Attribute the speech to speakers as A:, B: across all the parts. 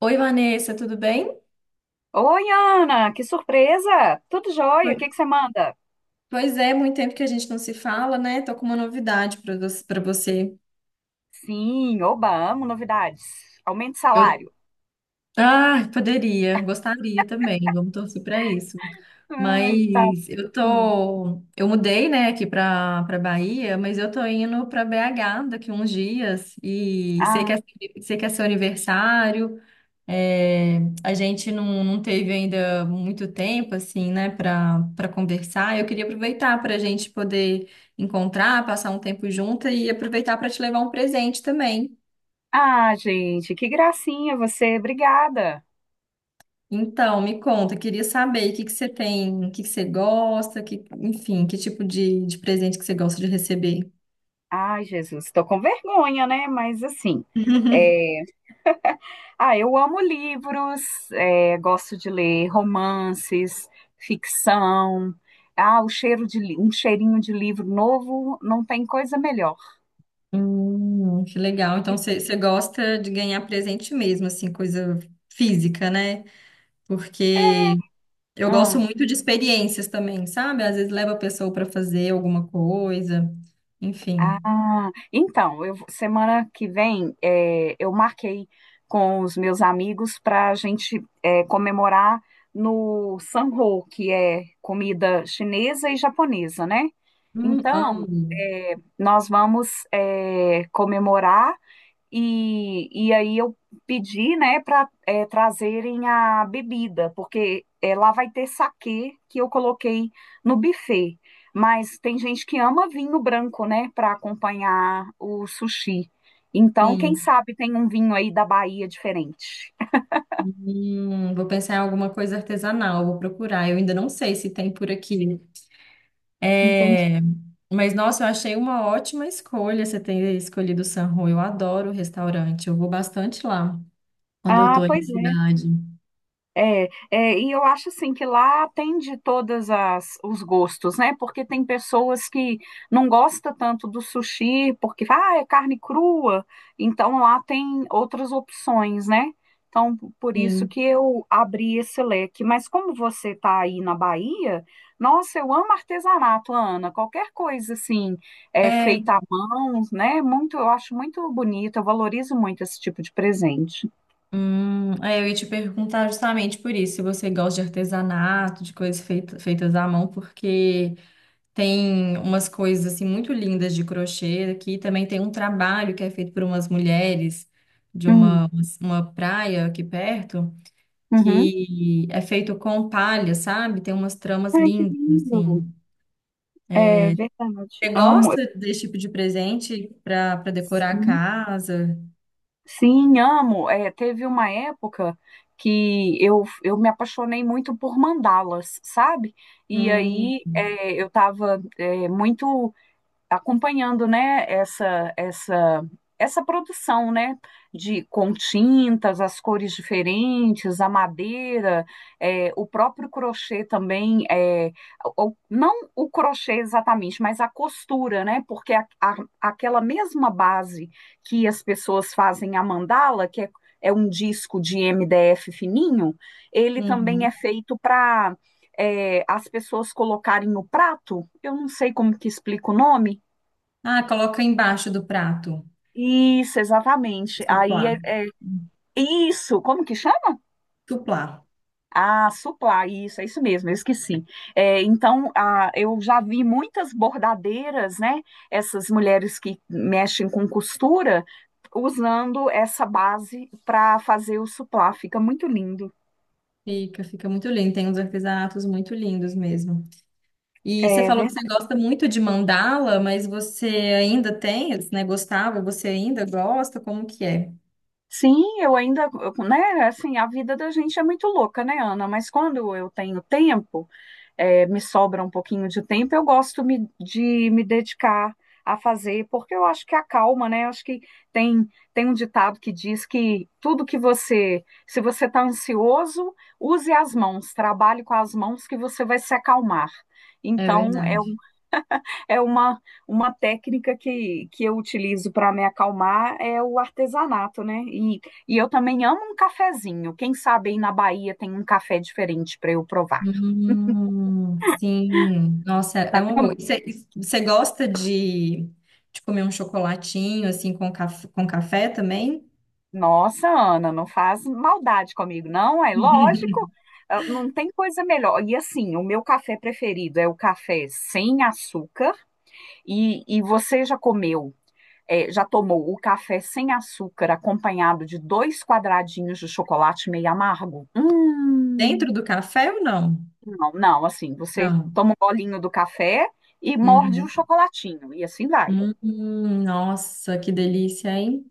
A: Oi, Vanessa, tudo bem?
B: Oi, Ana, que surpresa! Tudo jóia?
A: Oi.
B: O que que você manda?
A: Pois é, muito tempo que a gente não se fala, né? Tô com uma novidade para você, para você.
B: Sim, oba, amo novidades. Aumento de
A: Eu,
B: salário.
A: poderia, gostaria também. Vamos torcer para isso.
B: Ai, tá.
A: Mas eu
B: Hum.
A: tô, eu mudei, né, aqui para Bahia, mas eu tô indo para BH daqui uns dias e sei
B: Ah,
A: sei que é seu aniversário. É, a gente não teve ainda muito tempo, assim, né, para conversar. Eu queria aproveitar para a gente poder encontrar, passar um tempo junto e aproveitar para te levar um presente também.
B: ah, gente, que gracinha você, obrigada.
A: Então, me conta, eu queria saber o que que você tem, o que que você gosta, que, enfim, que tipo de presente que você gosta de receber.
B: Ai, Jesus, estou com vergonha, né? Mas assim, é, ah, eu amo livros, é, gosto de ler romances, ficção. Ah, o cheiro um cheirinho de livro novo não tem coisa melhor.
A: Que legal.
B: E,
A: Então, você gosta de ganhar presente mesmo, assim, coisa física, né?
B: é,
A: Porque eu gosto
B: ah,
A: muito de experiências também, sabe? Às vezes leva a pessoa para fazer alguma coisa, enfim.
B: Ah, então, eu, semana que vem é, eu marquei com os meus amigos para a gente é, comemorar no Sanho, que é comida chinesa e japonesa, né? Então,
A: Amo.
B: é, nós vamos é, comemorar. E aí eu pedi, né, para trazerem a bebida, porque lá vai ter saquê que eu coloquei no buffet. Mas tem gente que ama vinho branco, né, para acompanhar o sushi. Então, quem
A: Sim.
B: sabe tem um vinho aí da Bahia diferente.
A: Vou pensar em alguma coisa artesanal, vou procurar. Eu ainda não sei se tem por aqui.
B: Entendi.
A: É, mas nossa, eu achei uma ótima escolha você ter escolhido o San Rô. Eu adoro o restaurante, eu vou bastante lá quando eu
B: Ah,
A: tô em
B: pois é.
A: cidade.
B: É, e eu acho assim que lá atende todas as os gostos, né? Porque tem pessoas que não gostam tanto do sushi, porque é carne crua, então lá tem outras opções, né? Então, por isso
A: Sim.
B: que eu abri esse leque. Mas como você está aí na Bahia, nossa, eu amo artesanato, Ana. Qualquer coisa assim, é,
A: É,
B: feita à mão, né? Muito, eu acho muito bonito, eu valorizo muito esse tipo de presente.
A: hum, é, eu ia te perguntar justamente por isso, se você gosta de artesanato, de coisas feitas à mão, porque tem umas coisas assim muito lindas de crochê aqui, também tem um trabalho que é feito por umas mulheres de
B: Hum,
A: uma praia aqui perto,
B: uhum.
A: que é feito com palha, sabe? Tem umas tramas
B: Ai, que
A: lindas,
B: lindo!
A: assim.
B: É verdade.
A: Você
B: Amo.
A: gosta desse tipo de presente para decorar a
B: Sim,
A: casa?
B: sim, amo. É, teve uma época que eu me apaixonei muito por mandalas, sabe? E
A: Hum,
B: aí é, eu estava muito acompanhando, né, essa produção, né, de com tintas, as cores diferentes, a madeira, é, o próprio crochê também, é, não o crochê exatamente, mas a costura, né, porque aquela mesma base que as pessoas fazem a mandala, que é um disco de MDF fininho, ele também é
A: uhum.
B: feito para as pessoas colocarem no prato, eu não sei como que explica o nome,
A: Ah, coloca embaixo do prato.
B: isso, exatamente. Aí
A: Suplá.
B: isso, como que chama?
A: Suplá.
B: Ah, supply, isso, é isso mesmo, eu esqueci. É, então, ah, eu já vi muitas bordadeiras, né? Essas mulheres que mexem com costura, usando essa base para fazer o suplá, fica muito lindo.
A: Fica, fica muito lindo. Tem uns artesanatos muito lindos mesmo. E você
B: É
A: falou que você
B: verdade.
A: gosta muito de mandala, mas você ainda tem, né? Gostava, você ainda gosta? Como que é?
B: Sim, eu ainda, né? Assim, a vida da gente é muito louca, né, Ana? Mas quando eu tenho tempo, é, me sobra um pouquinho de tempo, eu gosto de me dedicar a fazer, porque eu acho que acalma, né? Eu acho que tem, tem um ditado que diz que tudo que você, se você está ansioso, use as mãos, trabalhe com as mãos que você vai se acalmar.
A: É
B: Então, é,
A: verdade.
B: é uma técnica que eu utilizo para me acalmar, é o artesanato, né? E eu também amo um cafezinho. Quem sabe aí na Bahia tem um café diferente para eu provar.
A: Sim. Nossa, é
B: Tá.
A: uma boa. E você gosta de comer um chocolatinho, assim, com, com café também?
B: Nossa, Ana, não faz maldade comigo, não? É lógico, ah, não tem coisa melhor. E assim, o meu café preferido é o café sem açúcar. E você já tomou o café sem açúcar acompanhado de dois quadradinhos de chocolate meio amargo?
A: Dentro do café ou não?
B: Não, não, assim, você
A: Não.
B: toma um bolinho do café. E morde o
A: Uhum.
B: chocolatinho, e assim vai.
A: Nossa, que delícia, hein?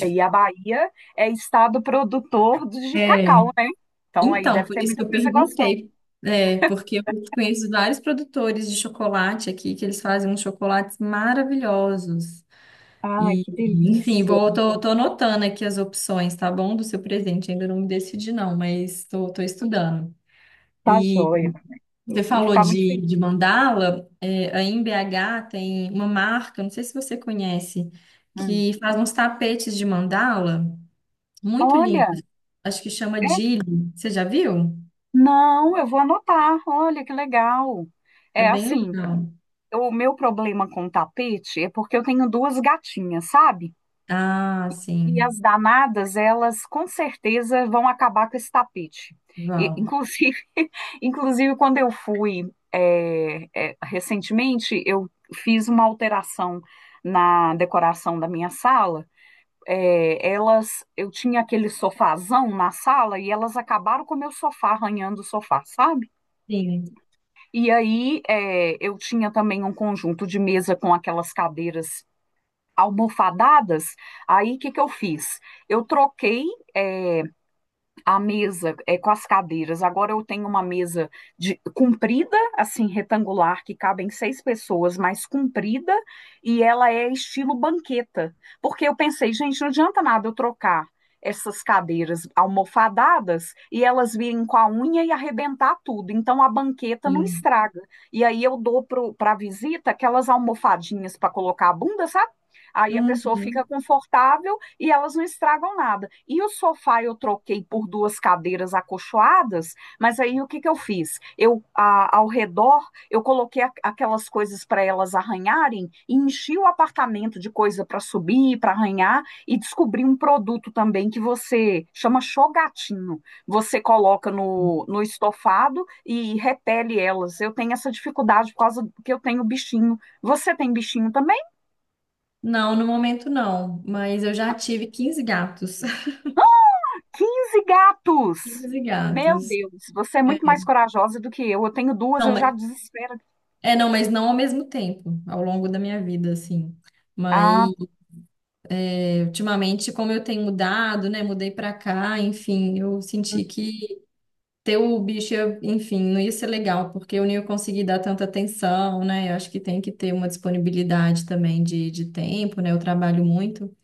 B: E a Bahia é estado produtor de
A: É,
B: cacau, né? Então aí
A: então,
B: deve
A: por
B: ter
A: isso que
B: muita
A: eu
B: coisa gostosa.
A: perguntei, é, porque eu conheço vários produtores de chocolate aqui, que eles fazem uns chocolates maravilhosos.
B: Ai,
A: E,
B: que
A: enfim,
B: delícia.
A: vou, tô, tô anotando aqui as opções, tá bom? Do seu presente, ainda não me decidi não, mas tô, tô estudando.
B: Tá
A: E
B: joia. Eu
A: você
B: vou
A: falou
B: ficar muito feliz.
A: de mandala, é, aí em BH tem uma marca, não sei se você conhece,
B: Hum.
A: que faz uns tapetes de mandala, muito
B: Olha,
A: lindos, acho que chama
B: é,
A: Dili, você já viu?
B: não, eu vou anotar. Olha, que legal.
A: É
B: É
A: bem
B: assim,
A: legal.
B: o meu problema com tapete é porque eu tenho duas gatinhas, sabe?
A: Ah,
B: E as
A: sim.
B: danadas, elas com certeza vão acabar com esse tapete. E,
A: Vão.
B: inclusive, inclusive, quando eu fui recentemente, eu fiz uma alteração na decoração da minha sala. Elas, eu tinha aquele sofazão na sala e elas acabaram com o meu sofá, arranhando o sofá, sabe?
A: Sim,
B: E aí eu tinha também um conjunto de mesa com aquelas cadeiras almofadadas. Aí o que que eu fiz? Eu troquei é, a mesa com as cadeiras. Agora eu tenho uma mesa comprida, assim, retangular, que cabem seis pessoas, mas comprida, e ela é estilo banqueta. Porque eu pensei, gente, não adianta nada eu trocar essas cadeiras almofadadas e elas virem com a unha e arrebentar tudo. Então a banqueta não
A: sim.
B: estraga. E aí eu dou para a visita aquelas almofadinhas para colocar a bunda, sabe? Aí a pessoa fica
A: Uhum.
B: confortável e elas não estragam nada. E o sofá eu troquei por duas cadeiras acolchoadas, mas aí o que eu fiz? Eu, ao redor, eu coloquei aquelas coisas para elas arranharem e enchi o apartamento de coisa para subir, para arranhar, e descobri um produto também que você chama chogatinho. Você coloca no estofado e repele elas. Eu tenho essa dificuldade por causa que eu tenho bichinho. Você tem bichinho também?
A: Não, no momento não, mas eu já tive 15 gatos.
B: Quinze gatos!
A: Quinze
B: Meu
A: gatos.
B: Deus, você é
A: É,
B: muito mais corajosa do que eu. Eu tenho duas,
A: não,
B: eu
A: mas,
B: já desespero.
A: é, não, mas não ao mesmo tempo, ao longo da minha vida, assim. Mas
B: Ah,
A: é, ultimamente, como eu tenho mudado, né, mudei pra cá, enfim, eu senti que ter o bicho, enfim, não ia ser legal, porque eu não ia conseguir dar tanta atenção, né? Eu acho que tem que ter uma disponibilidade também de tempo, né? Eu trabalho muito.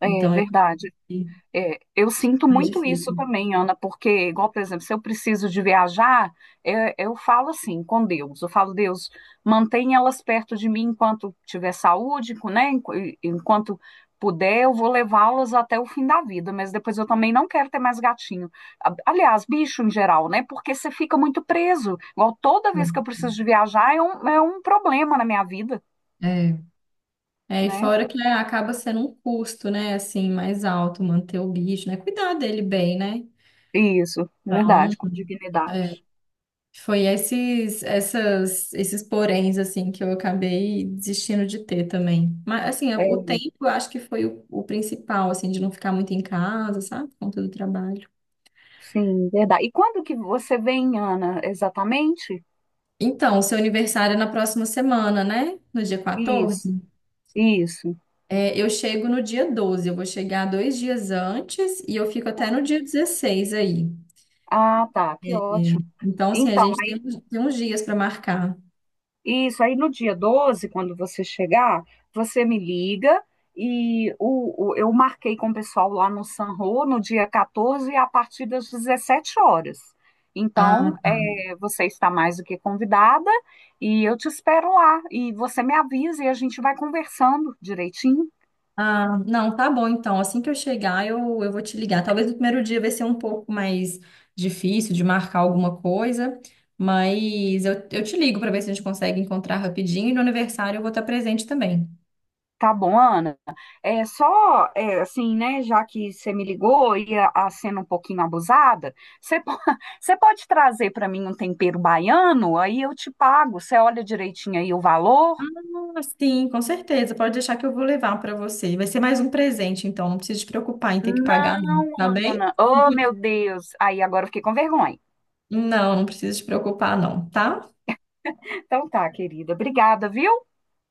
B: é
A: Então, eu acho
B: verdade.
A: que
B: É, eu
A: é
B: sinto
A: mais
B: muito isso
A: difícil.
B: também, Ana, porque, igual, por exemplo, se eu preciso de viajar, eu falo assim com Deus. Eu falo, Deus, mantém elas perto de mim enquanto tiver saúde, né? Enquanto puder, eu vou levá-las até o fim da vida, mas depois eu também não quero ter mais gatinho. Aliás, bicho em geral, né? Porque você fica muito preso. Igual toda vez que eu preciso de viajar, é um problema na minha vida,
A: É. É, e
B: né?
A: fora que né, acaba sendo um custo, né, assim, mais alto, manter o bicho, né, cuidar dele bem, né?
B: Isso,
A: Então,
B: verdade, com
A: é,
B: dignidade.
A: foi esses poréns, assim, que eu acabei desistindo de ter também. Mas, assim, o
B: É.
A: tempo eu acho que foi o principal, assim, de não ficar muito em casa, sabe, por conta do trabalho.
B: Sim, verdade. E quando que você vem, Ana, exatamente?
A: Então, o seu aniversário é na próxima semana, né? No dia
B: Isso,
A: 14.
B: isso.
A: É, eu chego no dia 12, eu vou chegar dois dias antes e eu fico até no dia 16 aí.
B: Ah, tá, que
A: É, é.
B: ótimo.
A: Então, assim, a
B: Então,
A: gente tem, tem uns dias para marcar.
B: isso aí no dia 12, quando você chegar, você me liga e eu marquei com o pessoal lá no Sanro no dia 14 a partir das 17 horas. Então,
A: Ah,
B: é, você está mais do que convidada e eu te espero lá. E você me avisa e a gente vai conversando direitinho.
A: não, tá bom, então. Assim que eu chegar, eu vou te ligar. Talvez no primeiro dia vai ser um pouco mais difícil de marcar alguma coisa, mas eu te ligo para ver se a gente consegue encontrar rapidinho. E no aniversário eu vou estar presente também.
B: Tá bom, Ana. É só assim, né? Já que você me ligou e a sendo um pouquinho abusada, você, po- você pode trazer para mim um tempero baiano? Aí eu te pago. Você olha direitinho aí o valor?
A: Ah, sim, com certeza. Pode deixar que eu vou levar para você. Vai ser mais um presente, então não precisa te preocupar em ter que pagar, não.
B: Não,
A: Tá bem?
B: Ana. Oh, meu Deus. Aí agora eu fiquei com vergonha.
A: Não, não precisa te preocupar, não, tá?
B: Então tá, querida. Obrigada, viu?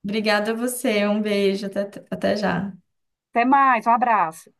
A: Obrigada a você. Um beijo. Até, até já.
B: Até mais. Um abraço.